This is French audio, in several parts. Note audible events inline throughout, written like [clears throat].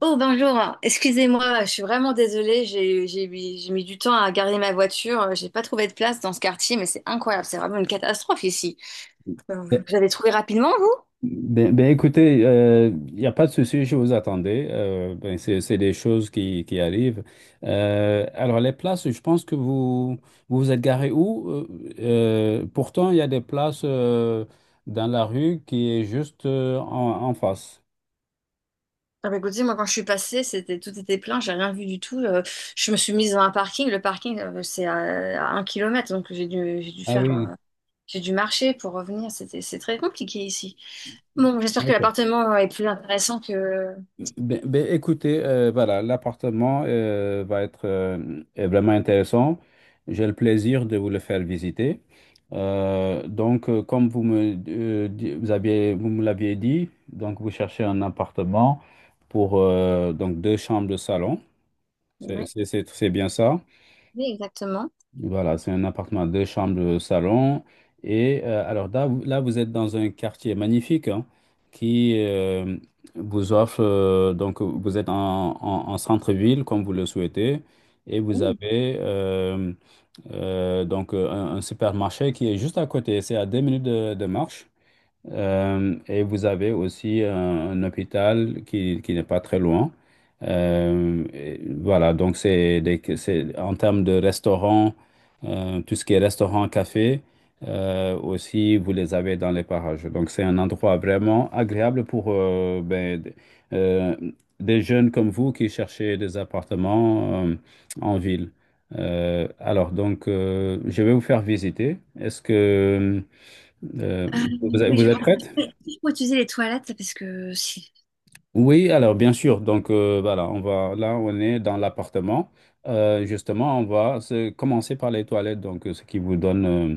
Oh bonjour, excusez-moi, je suis vraiment désolée, j'ai mis du temps à garer ma voiture, j'ai pas trouvé de place dans ce quartier, mais c'est incroyable, c'est vraiment une catastrophe ici. Euh, Ben, Vous avez trouvé rapidement, vous? écoutez, il n'y a pas de souci, je vous attendais. C'est des choses qui arrivent. Alors, les places, je pense que vous vous êtes garé où? Pourtant, il y a des places dans la rue qui est juste en, en face. Ah bah écoutez, moi quand je suis passée, c'était tout était plein, j'ai rien vu du tout. Je me suis mise dans un parking, le parking c'est à 1 kilomètre, donc j'ai dû Ah faire oui, j'ai dû marcher pour revenir, c'est très compliqué ici. Bon, j'espère que d'accord. l'appartement est plus intéressant que Voilà, l'appartement va être est vraiment intéressant. J'ai le plaisir de vous le faire visiter. Comme vous aviez, vous me l'aviez dit, donc vous cherchez un appartement pour donc deux chambres de salon. C'est oui, c'est bien ça? oui exactement. Voilà, c'est un appartement à deux chambres, salon. Alors là, vous êtes dans un quartier magnifique, hein, qui vous offre, donc vous êtes en, en centre-ville comme vous le souhaitez, et vous avez un supermarché qui est juste à côté, c'est à deux minutes de marche. Et vous avez aussi un hôpital qui n'est pas très loin. Et voilà, donc c'est en termes de restaurants, tout ce qui est restaurant, café, aussi vous les avez dans les parages. Donc c'est un endroit vraiment agréable pour euh, des jeunes comme vous qui cherchez des appartements en ville. Alors, je vais vous faire visiter. Est-ce que euh, Euh, Vous êtes oui, vous êtes prête? il faut utiliser les toilettes parce que si. Oui, alors bien sûr. Voilà, on va là, on est dans l'appartement. Justement, commencer par les toilettes, donc ce qui vous donne euh,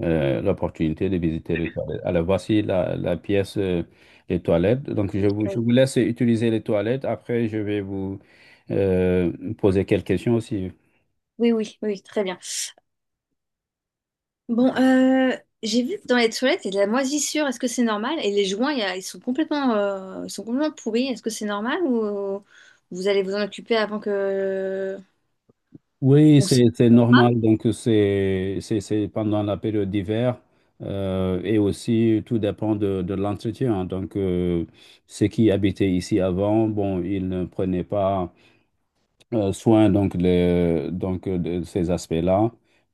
euh, l'opportunité de visiter les toilettes. Alors voici la, la pièce des toilettes. Donc je vous laisse utiliser les toilettes. Après, je vais vous euh, poser quelques questions aussi. Oui, oui, oui, très bien. Bon, j'ai vu que dans les toilettes, il y a de la moisissure. Est-ce que c'est normal? Et les joints, ils sont complètement pourris. Est-ce que c'est normal ou vous allez vous en occuper avant que Oui, on s'y- c'est normal. Donc, c'est pendant la période d'hiver, et aussi tout dépend de l'entretien. Ceux qui habitaient ici avant, bon, ils ne prenaient pas soin donc, les, donc de ces aspects-là.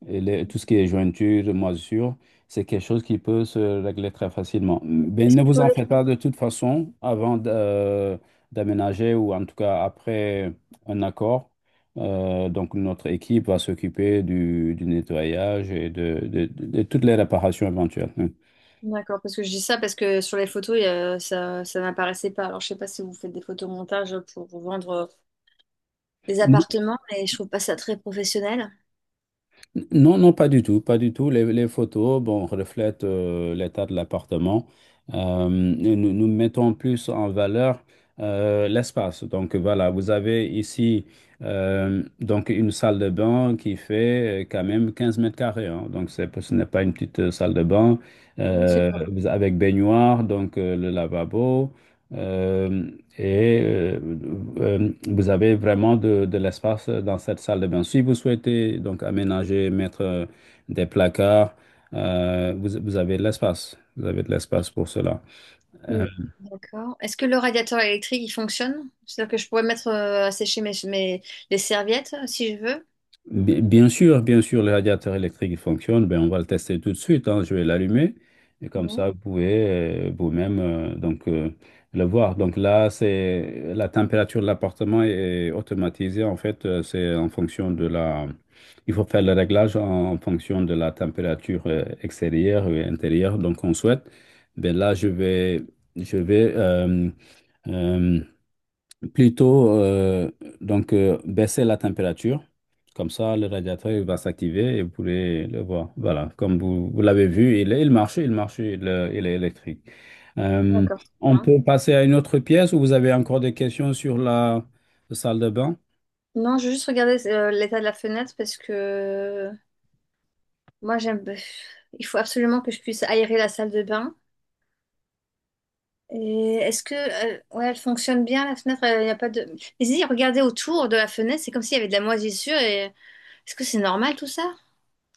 Et tout ce qui est jointure, moisissure, c'est quelque chose qui peut se régler très facilement. Mais Est-ce ne que vous sur en les- faites pas. De toute façon, avant d'aménager, ou en tout cas après un accord, donc notre équipe va s'occuper du nettoyage et de toutes les réparations éventuelles. D'accord, parce que je dis ça parce que sur les photos, ça, ça n'apparaissait pas. Alors, je sais pas si vous faites des photomontages pour vendre des appartements, mais je trouve pas ça très professionnel. Non, non, pas du tout, pas du tout. Les photos, bon, reflètent l'état de l'appartement. Nous, nous mettons plus en valeur l'espace. Donc voilà, vous avez ici une salle de bain qui fait quand même 15 mètres carrés, hein. Donc c'est, ce n'est pas une petite salle de bain, Non, c'est correct. Avec baignoire, le lavabo. Euh, et euh, Vous avez vraiment de l'espace dans cette salle de bain. Si vous souhaitez donc aménager, mettre des placards, vous avez de l'espace. Vous avez de l'espace pour cela. Euh, Oui. D'accord. Est-ce que le radiateur électrique, il fonctionne? C'est-à-dire que je pourrais mettre à sécher les serviettes si je veux? Bien sûr, le radiateur électrique il fonctionne. Ben, on va le tester tout de suite, hein. Je vais l'allumer. Et comme Oui. ça, vous pouvez vous-même le voir. Donc là, c'est la température de l'appartement est automatisée. En fait, c'est en fonction de la... Il faut faire le réglage en, en fonction de la température extérieure et intérieure. Donc, on souhaite. Ben là, je vais, je vais euh, plutôt, baisser la température. Comme ça, le radiateur il va s'activer et vous pourrez le voir. Voilà, comme vous l'avez vu, il marche, il marche, il est électrique. Euh, D'accord, c'est on bien. peut passer à une autre pièce? Où vous avez encore des questions sur la salle de bain? Non, je vais juste regarder l'état de la fenêtre parce que moi, j'aime. Il faut absolument que je puisse aérer la salle de bain. Et est-ce que ouais, elle fonctionne bien la fenêtre? Il n'y a pas de. Mais si, regardez autour de la fenêtre, c'est comme s'il y avait de la moisissure. Et est-ce que c'est normal tout ça?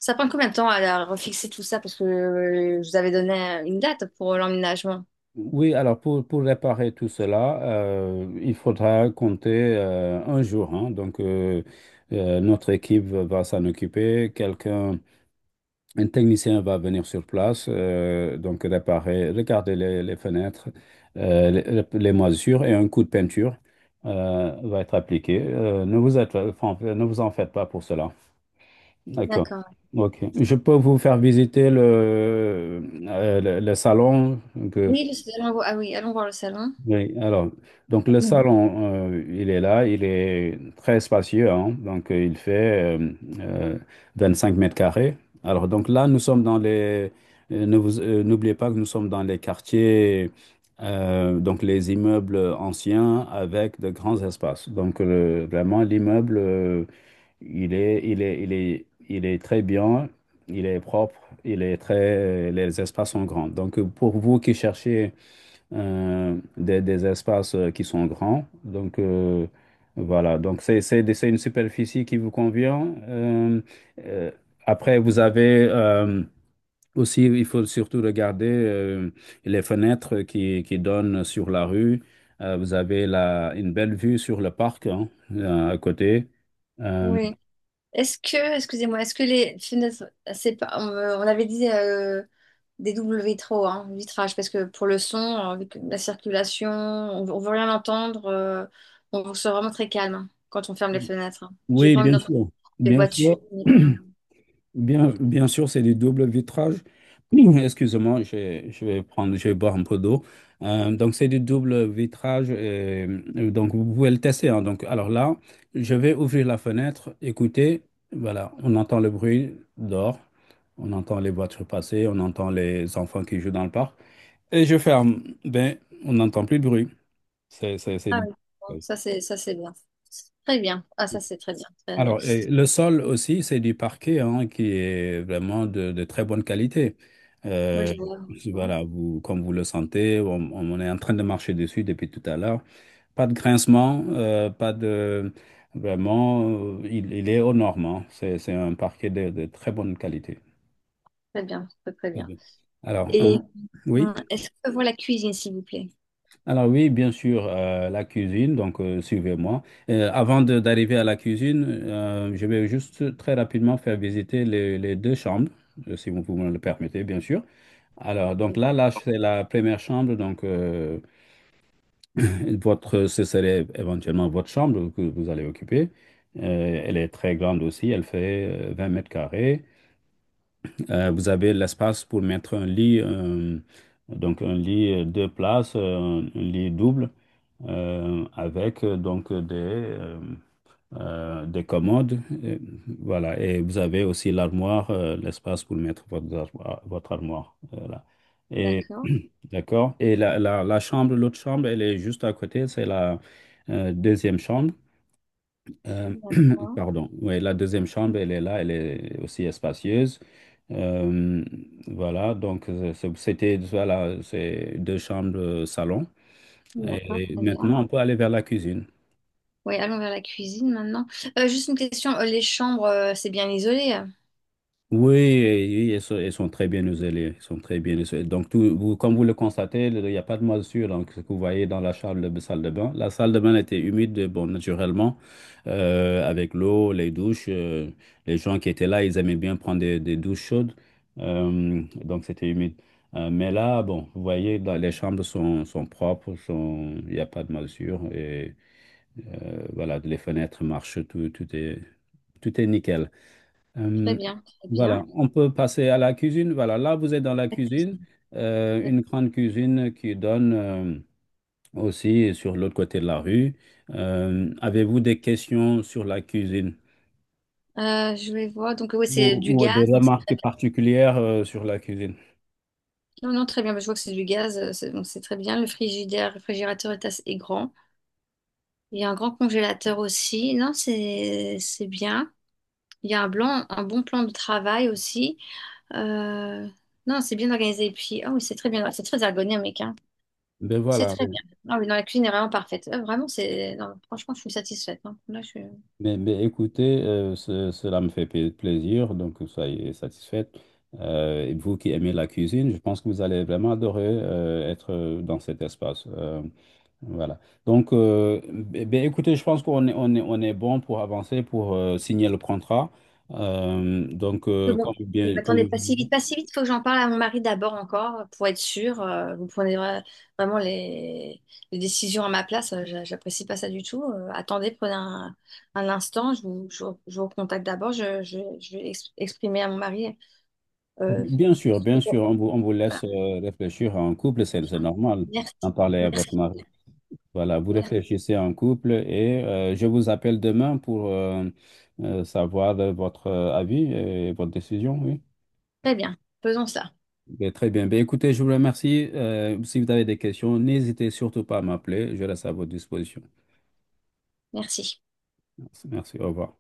Ça prend combien de temps à refixer tout ça? Parce que je vous avais donné une date pour l'emménagement. Oui, alors pour réparer tout cela, il faudra compter un jour, hein. Notre équipe va s'en occuper. Quelqu'un Un technicien va venir sur place, donc réparer, regarder les fenêtres, les moisissures, et un coup de peinture va être appliqué. Ne vous êtes- Enfin, ne vous en faites pas pour cela. D'accord. D'accord. OK. Je peux vous faire visiter le salon. Oui, le salon. Ah oui, allons voir le salon. Oui, alors, donc le Mm. salon, il est là, il est très spacieux, hein, donc il fait euh, 25 mètres carrés. Alors, donc là, nous sommes dans les, ne vous, n'oubliez pas que nous sommes dans les quartiers, donc les immeubles anciens avec de grands espaces. Donc, vraiment, l'immeuble, il, est, il, est, il, est, il est très bien, il est propre, les espaces sont grands. Donc, pour vous qui cherchez des espaces qui sont grands. Voilà. Donc, c'est une superficie qui vous convient. Euh, Après, vous avez aussi, il faut surtout regarder les fenêtres qui donnent sur la rue. Vous avez une belle vue sur le parc, hein, à côté. Euh, Oui. Est-ce que, excusez-moi, est-ce que les fenêtres, c'est pas, on avait dit des doubles vitraux, hein, vitrage, parce que pour le son, avec la circulation, on, ne veut rien entendre. On se vraiment très calme hein, quand on ferme les fenêtres. Hein. J'ai oui, pas envie bien d'entendre sûr. les Bien voitures. sûr. [clears throat] Bien sûr, c'est du double vitrage. [clears throat] Excusez-moi, je vais boire un peu d'eau. C'est du double vitrage. Et, vous pouvez le tester, hein. Donc, alors là, je vais ouvrir la fenêtre. Écoutez, voilà, on entend le bruit dehors. On entend les voitures passer. On entend les enfants qui jouent dans le parc. Et je ferme. Ben, on n'entend plus de bruit. C'est, c'est... Ah oui, bon, ça c'est bien. Très bien. Ah ça c'est très bien, très bien. Alors, et le sol aussi, c'est du parquet, hein, qui est vraiment de très bonne qualité. Moi Euh, je vois, je vois. voilà, comme vous le sentez, on est en train de marcher dessus depuis tout à l'heure. Pas de grincement, pas de... Vraiment, il est aux normes, hein. C'est un parquet de très bonne qualité. Très bien, très très Très bien. bien. Alors, euh, Et oui. Est-ce que je vois la cuisine, s'il vous plaît? Alors oui, bien sûr, la cuisine, donc suivez-moi. Avant d'arriver à la cuisine, je vais juste très rapidement faire visiter les deux chambres, si vous me le permettez, bien sûr. Alors, là, c'est la première chambre, donc [laughs] ce serait éventuellement votre chambre que vous allez occuper. Elle est très grande aussi, elle fait 20 mètres carrés. Vous avez l'espace pour mettre un lit, un lit deux places, un lit double, avec des commodes. Voilà, et vous avez aussi l'armoire, l'espace pour mettre votre armoire. Votre armoire, voilà. Et, D'accord, [clears throat] d'accord. Et la chambre, l'autre chambre, elle est juste à côté, c'est la deuxième chambre. Euh, [clears throat] d'accord, Pardon. Oui, la deuxième chambre, elle est là, elle est aussi espacieuse. Euh, voilà, c'est deux chambres salon. d'accord, Et très bien. maintenant, on peut aller vers la cuisine. Oui, allons vers la cuisine maintenant. Juste une question, les chambres, c'est bien isolé? Oui, oui, ils sont très bien isolés. Ils sont très bien isolés. Donc, comme vous le constatez, il n'y a pas de moisissure. Donc, ce que vous voyez dans salle de bain, la salle de bain était humide, bon, naturellement, avec l'eau, les douches. Les gens qui étaient là, ils aimaient bien prendre des douches chaudes. Donc, c'était humide. Mais là, bon, vous voyez, les chambres sont, sont propres, sont, il n'y a pas de moisissure. Et voilà, les fenêtres marchent, tout, tout est nickel. Très Euh, bien, très bien. voilà, on peut passer à la cuisine. Voilà, là, vous êtes dans la cuisine, une grande cuisine qui donne aussi sur l'autre côté de la rue. Avez-vous des questions sur la cuisine, Je vais voir, donc oui, c'est du ou gaz. des Donc remarques particulières sur la cuisine? non, non, très bien. Mais je vois que c'est du gaz, donc c'est très bien. Le frigidaire, le réfrigérateur est assez est grand. Il y a un grand congélateur aussi. Non, c'est bien. Il y a un blanc, un bon plan de travail aussi. Euh, non, c'est bien organisé. Et puis, ah oui, c'est très bien, c'est très ergonomique, hein. Ben C'est voilà, très ben- bien. Ah oui, non, la cuisine est vraiment parfaite. Vraiment, c'est. Non, franchement, je suis satisfaite. Hein. Là, écoutez, cela me fait plaisir, donc soyez satisfaite. Et vous qui aimez la cuisine, je pense que vous allez vraiment adorer être dans cet espace. Voilà. Donc, euh, eh bien, écoutez, je pense qu'on est, on est bon pour avancer, pour signer le contrat. Mais bon, Comme, oui, mais attendez comme je pas l'ai si dit, vite, pas si vite. Faut que j'en parle à mon mari d'abord encore pour être sûre. Vraiment les décisions à ma place. J'apprécie pas ça du tout. Attendez, prenez un instant. Je vous recontacte d'abord. Je vais exprimer à mon mari. euh, bien sûr, on vous voilà. laisse réfléchir en couple, c'est normal d'en Merci, parler à votre merci, mari. Voilà, vous merci. réfléchissez en couple et je vous appelle demain pour savoir votre avis et votre décision, oui. Très bien. Faisons ça. Ben, très bien. Ben, écoutez, je vous remercie. Si vous avez des questions, n'hésitez surtout pas à m'appeler. Je reste à votre disposition. Merci. Merci. Au revoir.